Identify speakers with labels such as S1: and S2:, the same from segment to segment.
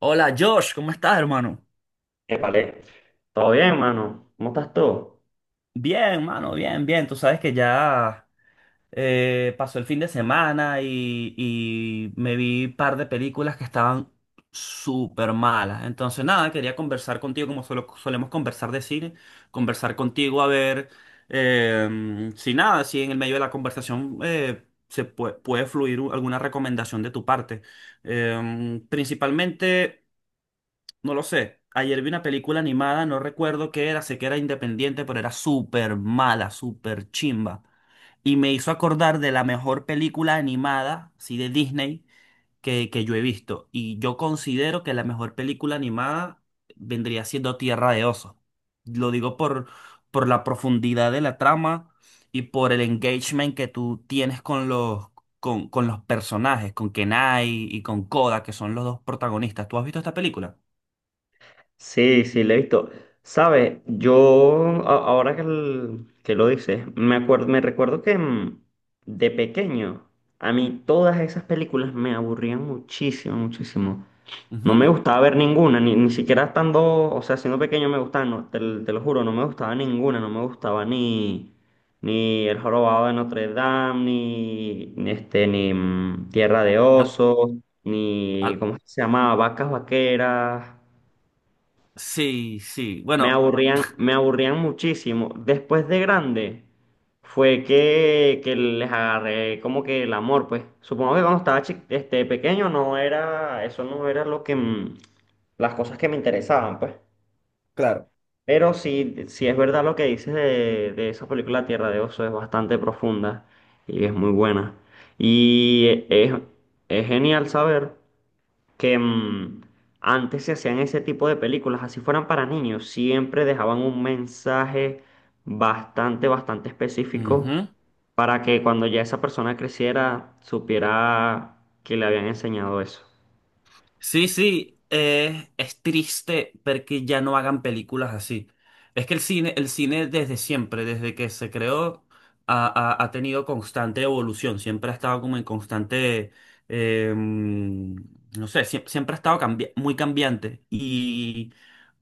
S1: Hola Josh, ¿cómo estás, hermano?
S2: Epale, ¿todo bien, mano? ¿Cómo estás tú?
S1: Bien, mano, bien, bien. Tú sabes que ya pasó el fin de semana y me vi un par de películas que estaban súper malas. Entonces, nada, quería conversar contigo como solemos conversar de cine, conversar contigo a ver si nada, si en el medio de la conversación puede, fluir alguna recomendación de tu parte. Principalmente. No lo sé. Ayer vi una película animada, no recuerdo qué era, sé que era independiente, pero era súper mala, súper chimba. Y me hizo acordar de la mejor película animada, sí, de Disney, que yo he visto. Y yo considero que la mejor película animada vendría siendo Tierra de Osos. Lo digo por la profundidad de la trama y por el engagement que tú tienes con los, con los personajes, con Kenai y con Koda, que son los dos protagonistas. ¿Tú has visto esta película?
S2: Sí, sí, le he visto. Sabes, ahora que lo dices, me recuerdo que de pequeño a mí todas esas películas me aburrían muchísimo, muchísimo. No me
S1: Ujú.
S2: gustaba ver ninguna, ni siquiera estando, o sea, siendo pequeño me gustaba, no, te lo juro, no me gustaba ninguna, no me gustaba ni El Jorobado de Notre Dame, ni Tierra de
S1: Al-
S2: Osos, ni,
S1: al-
S2: ¿cómo es que se llamaba? Vacas Vaqueras.
S1: sí, sí. Bueno,
S2: Me aburrían muchísimo. Después de grande fue que les agarré como que el amor, pues. Supongo que cuando estaba pequeño no era, eso no era lo que las cosas que me interesaban, pues.
S1: claro.
S2: Pero sí, sí es verdad lo que dices de esa película Tierra de Oso, es bastante profunda y es muy buena. Y es, es genial saber que antes se hacían ese tipo de películas, así fueran para niños, siempre dejaban un mensaje bastante específico
S1: Ujú.
S2: para que cuando ya esa persona creciera supiera que le habían enseñado eso.
S1: Sí, sí. Es triste ver que ya no hagan películas así. Es que el cine desde siempre, desde que se creó, ha tenido constante evolución. Siempre ha estado como en constante, no sé, siempre ha estado muy cambiante. Y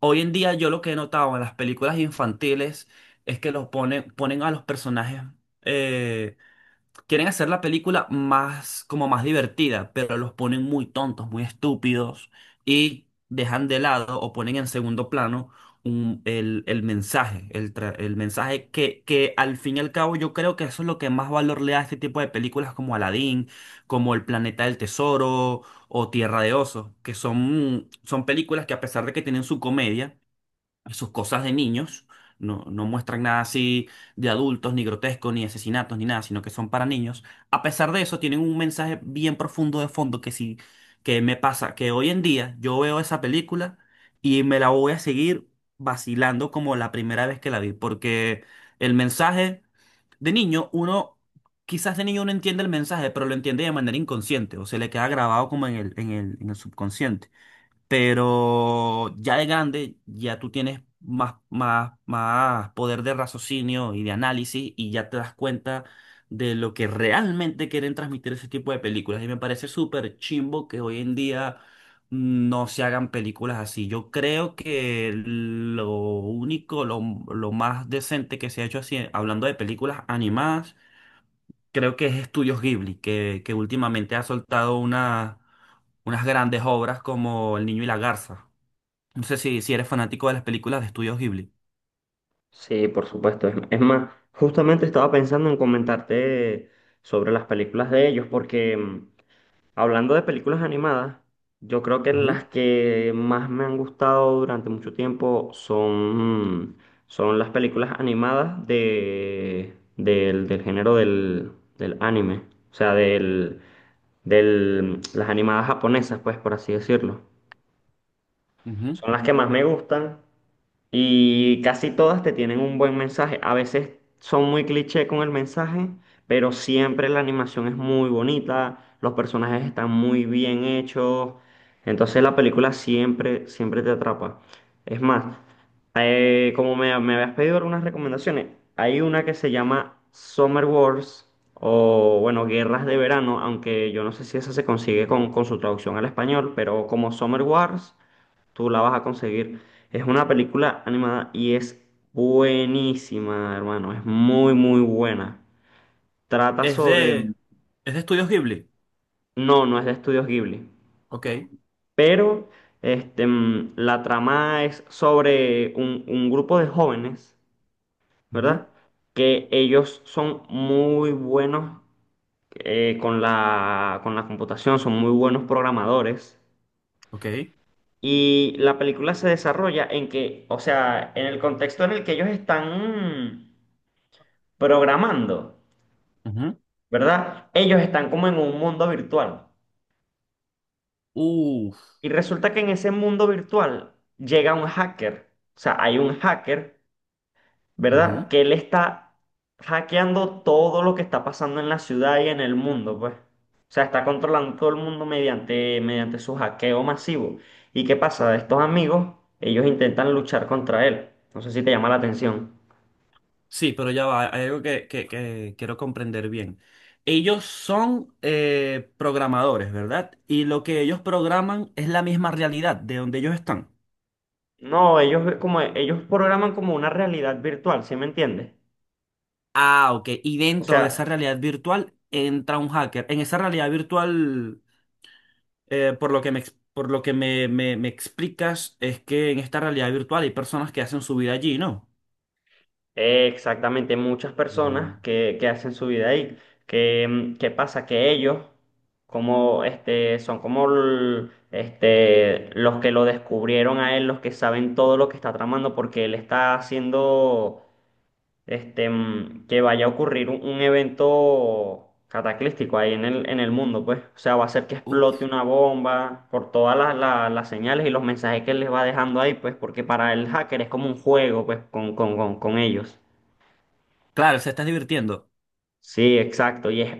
S1: hoy en día yo lo que he notado en las películas infantiles es que los ponen, ponen a los personajes. eh, Quieren hacer la película más, como más divertida, pero los ponen muy tontos, muy estúpidos y dejan de lado o ponen en segundo plano el mensaje, el mensaje que al fin y al cabo yo creo que eso es lo que más valor le da a este tipo de películas como Aladdin, como El Planeta del Tesoro o Tierra de Osos, que son, son películas que a pesar de que tienen su comedia, sus cosas de niños, no, no muestran nada así de adultos, ni grotesco, ni asesinatos, ni nada, sino que son para niños. A pesar de eso, tienen un mensaje bien profundo de fondo que sí, que me pasa, que hoy en día yo veo esa película y me la voy a seguir vacilando como la primera vez que la vi, porque el mensaje de niño, uno... Quizás de niño uno entiende el mensaje, pero lo entiende de manera inconsciente o se le queda grabado como en el, en el subconsciente. Pero ya de grande, ya tú tienes más, más poder de raciocinio y de análisis y ya te das cuenta de lo que realmente quieren transmitir ese tipo de películas. Y me parece súper chimbo que hoy en día no se hagan películas así. Yo creo que lo único, lo más decente que se ha hecho así, hablando de películas animadas, creo que es Estudios Ghibli, que últimamente ha soltado unas grandes obras como El Niño y la Garza. No sé si, si eres fanático de las películas de Estudios Ghibli.
S2: Sí, por supuesto. Es más, justamente estaba pensando en comentarte sobre las películas de ellos porque hablando de películas animadas, yo creo que
S1: Ujú,
S2: las que más me han gustado durante mucho tiempo son, son las películas animadas del del género del anime. O sea, del, del, las animadas japonesas, pues, por así decirlo.
S1: ujú,
S2: Son las que más me gustan y casi todas te tienen un buen mensaje. A veces son muy cliché con el mensaje, pero siempre la animación es muy bonita, los personajes están muy bien hechos. Entonces la película siempre, siempre te atrapa. Es más, como me habías pedido algunas recomendaciones, hay una que se llama Summer Wars o, bueno, Guerras de Verano, aunque yo no sé si esa se consigue con su traducción al español, pero como Summer Wars tú la vas a conseguir. Es una película animada y es buenísima, hermano. Es muy, muy buena. Trata
S1: es
S2: sobre...
S1: de. Es de Estudios Ghibli.
S2: No, no es de Estudios Ghibli.
S1: Ok,
S2: Pero la trama es sobre un grupo de jóvenes,
S1: ujú,
S2: ¿verdad? Que ellos son muy buenos con con la computación, son muy buenos programadores.
S1: ok.
S2: Y la película se desarrolla en que, o sea, en el contexto en el que ellos están... programando,
S1: Ujú,
S2: ¿verdad? Ellos están como en un mundo virtual.
S1: uf.
S2: Y resulta que en ese mundo virtual llega un hacker. O sea, hay un hacker, ¿verdad?
S1: Ujú.
S2: Que él está hackeando todo lo que está pasando en la ciudad y en el mundo, pues. O sea, está controlando todo el mundo mediante su hackeo masivo. ¿Y qué pasa? Estos amigos, ellos intentan luchar contra él. No sé si te llama la atención.
S1: Sí, pero ya va, hay algo que, que quiero comprender bien. Ellos son programadores, ¿verdad? Y lo que ellos programan es la misma realidad de donde ellos están.
S2: No, ellos programan como una realidad virtual, ¿sí me entiendes?
S1: Ah, ok. Y
S2: O
S1: dentro de esa
S2: sea,
S1: realidad virtual entra un hacker. En esa realidad virtual por lo que me, por lo que me, me explicas es que en esta realidad virtual hay personas que hacen su vida allí, ¿no?
S2: eh, exactamente, muchas
S1: Mm.
S2: personas que hacen su vida ahí. ¿Qué pasa? Que ellos como este, son como l- este, los que lo descubrieron a él, los que saben todo lo que está tramando, porque él está haciendo que vaya a ocurrir un evento cataclístico ahí en en el mundo, pues. O sea, va a ser que explote
S1: Uf,
S2: una bomba por todas las señales y los mensajes que él les va dejando ahí, pues, porque para el hacker es como un juego, pues, con ellos.
S1: claro, se estás divirtiendo.
S2: Sí, exacto.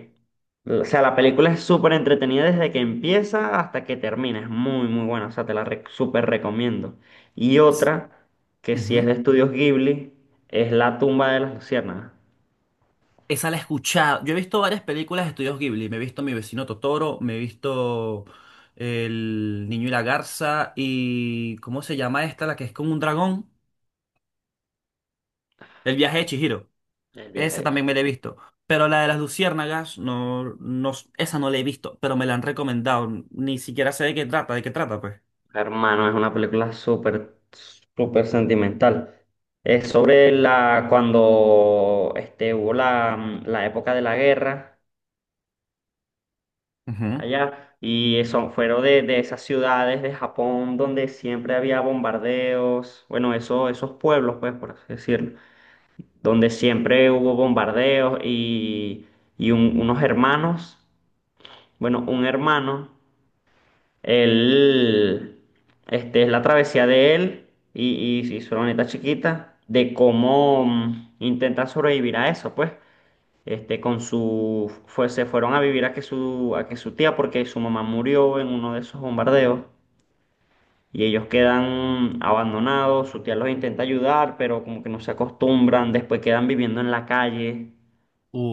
S2: O sea, la película es súper entretenida desde que empieza hasta que termina. Es muy, muy buena. O sea, súper recomiendo. Y
S1: Ps-
S2: otra, que sí es
S1: ujú.
S2: de Estudios Ghibli, es La tumba de las luciérnagas.
S1: Esa la he escuchado. Yo he visto varias películas de estudios Ghibli. Me he visto Mi vecino Totoro, me he visto El niño y la garza y ¿cómo se llama esta? La que es con un dragón. El viaje de Chihiro.
S2: El viaje
S1: Esa
S2: de
S1: también me la he
S2: Chihiro.
S1: visto. Pero la de las luciérnagas, no, no, esa no la he visto, pero me la han recomendado. Ni siquiera sé de qué trata, pues.
S2: Hermano, es una película súper, súper sentimental. Es sobre cuando este, hubo la época de la guerra
S1: Ujú.
S2: allá. Y eso fueron de esas ciudades de Japón donde siempre había bombardeos, bueno, eso, esos pueblos, pues, por así decirlo, donde siempre hubo bombardeos y, unos hermanos, bueno, un hermano, él, este, es la travesía de él y su hermanita chiquita, de cómo intentan sobrevivir a eso, pues. Este, con su, fue, se fueron a vivir a que su tía, porque su mamá murió en uno de esos bombardeos y ellos quedan abandonados. Su tía los intenta ayudar, pero como que no se acostumbran. Después quedan viviendo en la calle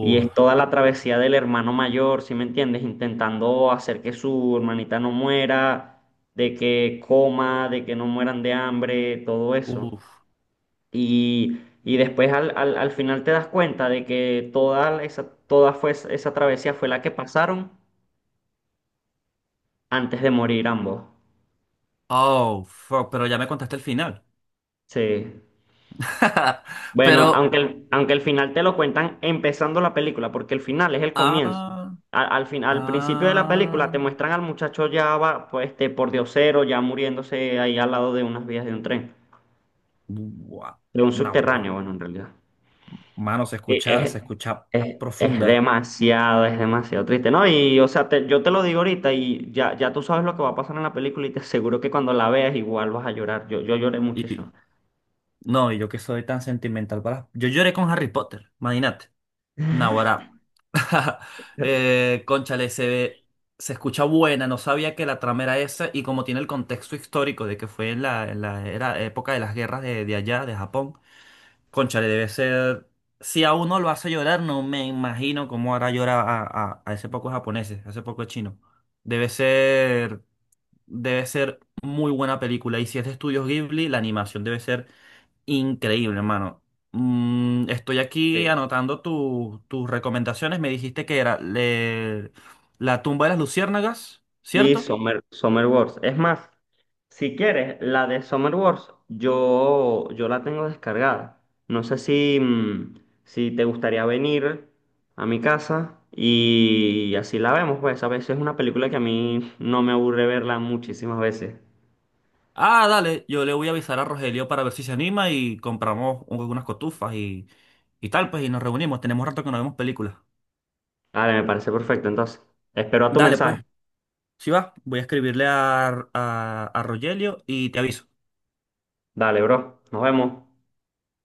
S2: y es toda la travesía del hermano mayor, ¿si me entiendes? Intentando hacer que su hermanita no muera, de que coma, de que no mueran de hambre, todo eso.
S1: uf.
S2: Y después al final te das cuenta de que toda esa travesía fue la que pasaron antes de morir ambos.
S1: Oh, fuck, pero ya me contaste el final.
S2: Sí. Bueno,
S1: Pero,
S2: aunque el final te lo cuentan empezando la película, porque el final es el comienzo.
S1: ah,
S2: Al principio de la
S1: ah,
S2: película te muestran al muchacho ya va, pues, este, por diosero, ya muriéndose ahí al lado de unas vías de un tren,
S1: gua-
S2: de un
S1: no, gua-
S2: subterráneo, bueno, en realidad.
S1: mano,
S2: Sí,
S1: se escucha profunda.
S2: Es demasiado triste, ¿no? Y, o sea, te- yo te lo digo ahorita y ya, ya tú sabes lo que va a pasar en la película y te aseguro que cuando la veas igual vas a llorar. Yo lloré
S1: Y
S2: muchísimo.
S1: no, y yo que soy tan sentimental para. Yo lloré con Harry Potter, imagínate. Naguará. Cónchale, se, se escucha buena, no sabía que la trama era esa, y como tiene el contexto histórico de que fue en la era, época de las guerras de allá, de Japón. Cónchale, debe ser. Si a uno lo hace llorar, no me imagino cómo hará llorar a ese poco japonés, a ese poco chino. Debe ser. Debe ser muy buena película. Y si es de Estudios Ghibli, la animación debe ser increíble, hermano. Mm, estoy aquí
S2: Sí.
S1: anotando tus recomendaciones. Me dijiste que era La tumba de las luciérnagas,
S2: Y
S1: ¿cierto?
S2: Summer Wars. Es más, si quieres, la de Summer Wars, yo la tengo descargada. No sé si si te gustaría venir a mi casa y así la vemos, pues a veces es una película que a mí no me aburre verla muchísimas veces.
S1: Ah, dale, yo le voy a avisar a Rogelio para ver si se anima y compramos unas cotufas y tal, pues, y nos reunimos. Tenemos rato que no vemos películas.
S2: Dale, me parece perfecto. Entonces, espero a tu
S1: Dale,
S2: mensaje.
S1: pues, si va, voy a escribirle a, a Rogelio y te aviso.
S2: Dale, bro. Nos vemos.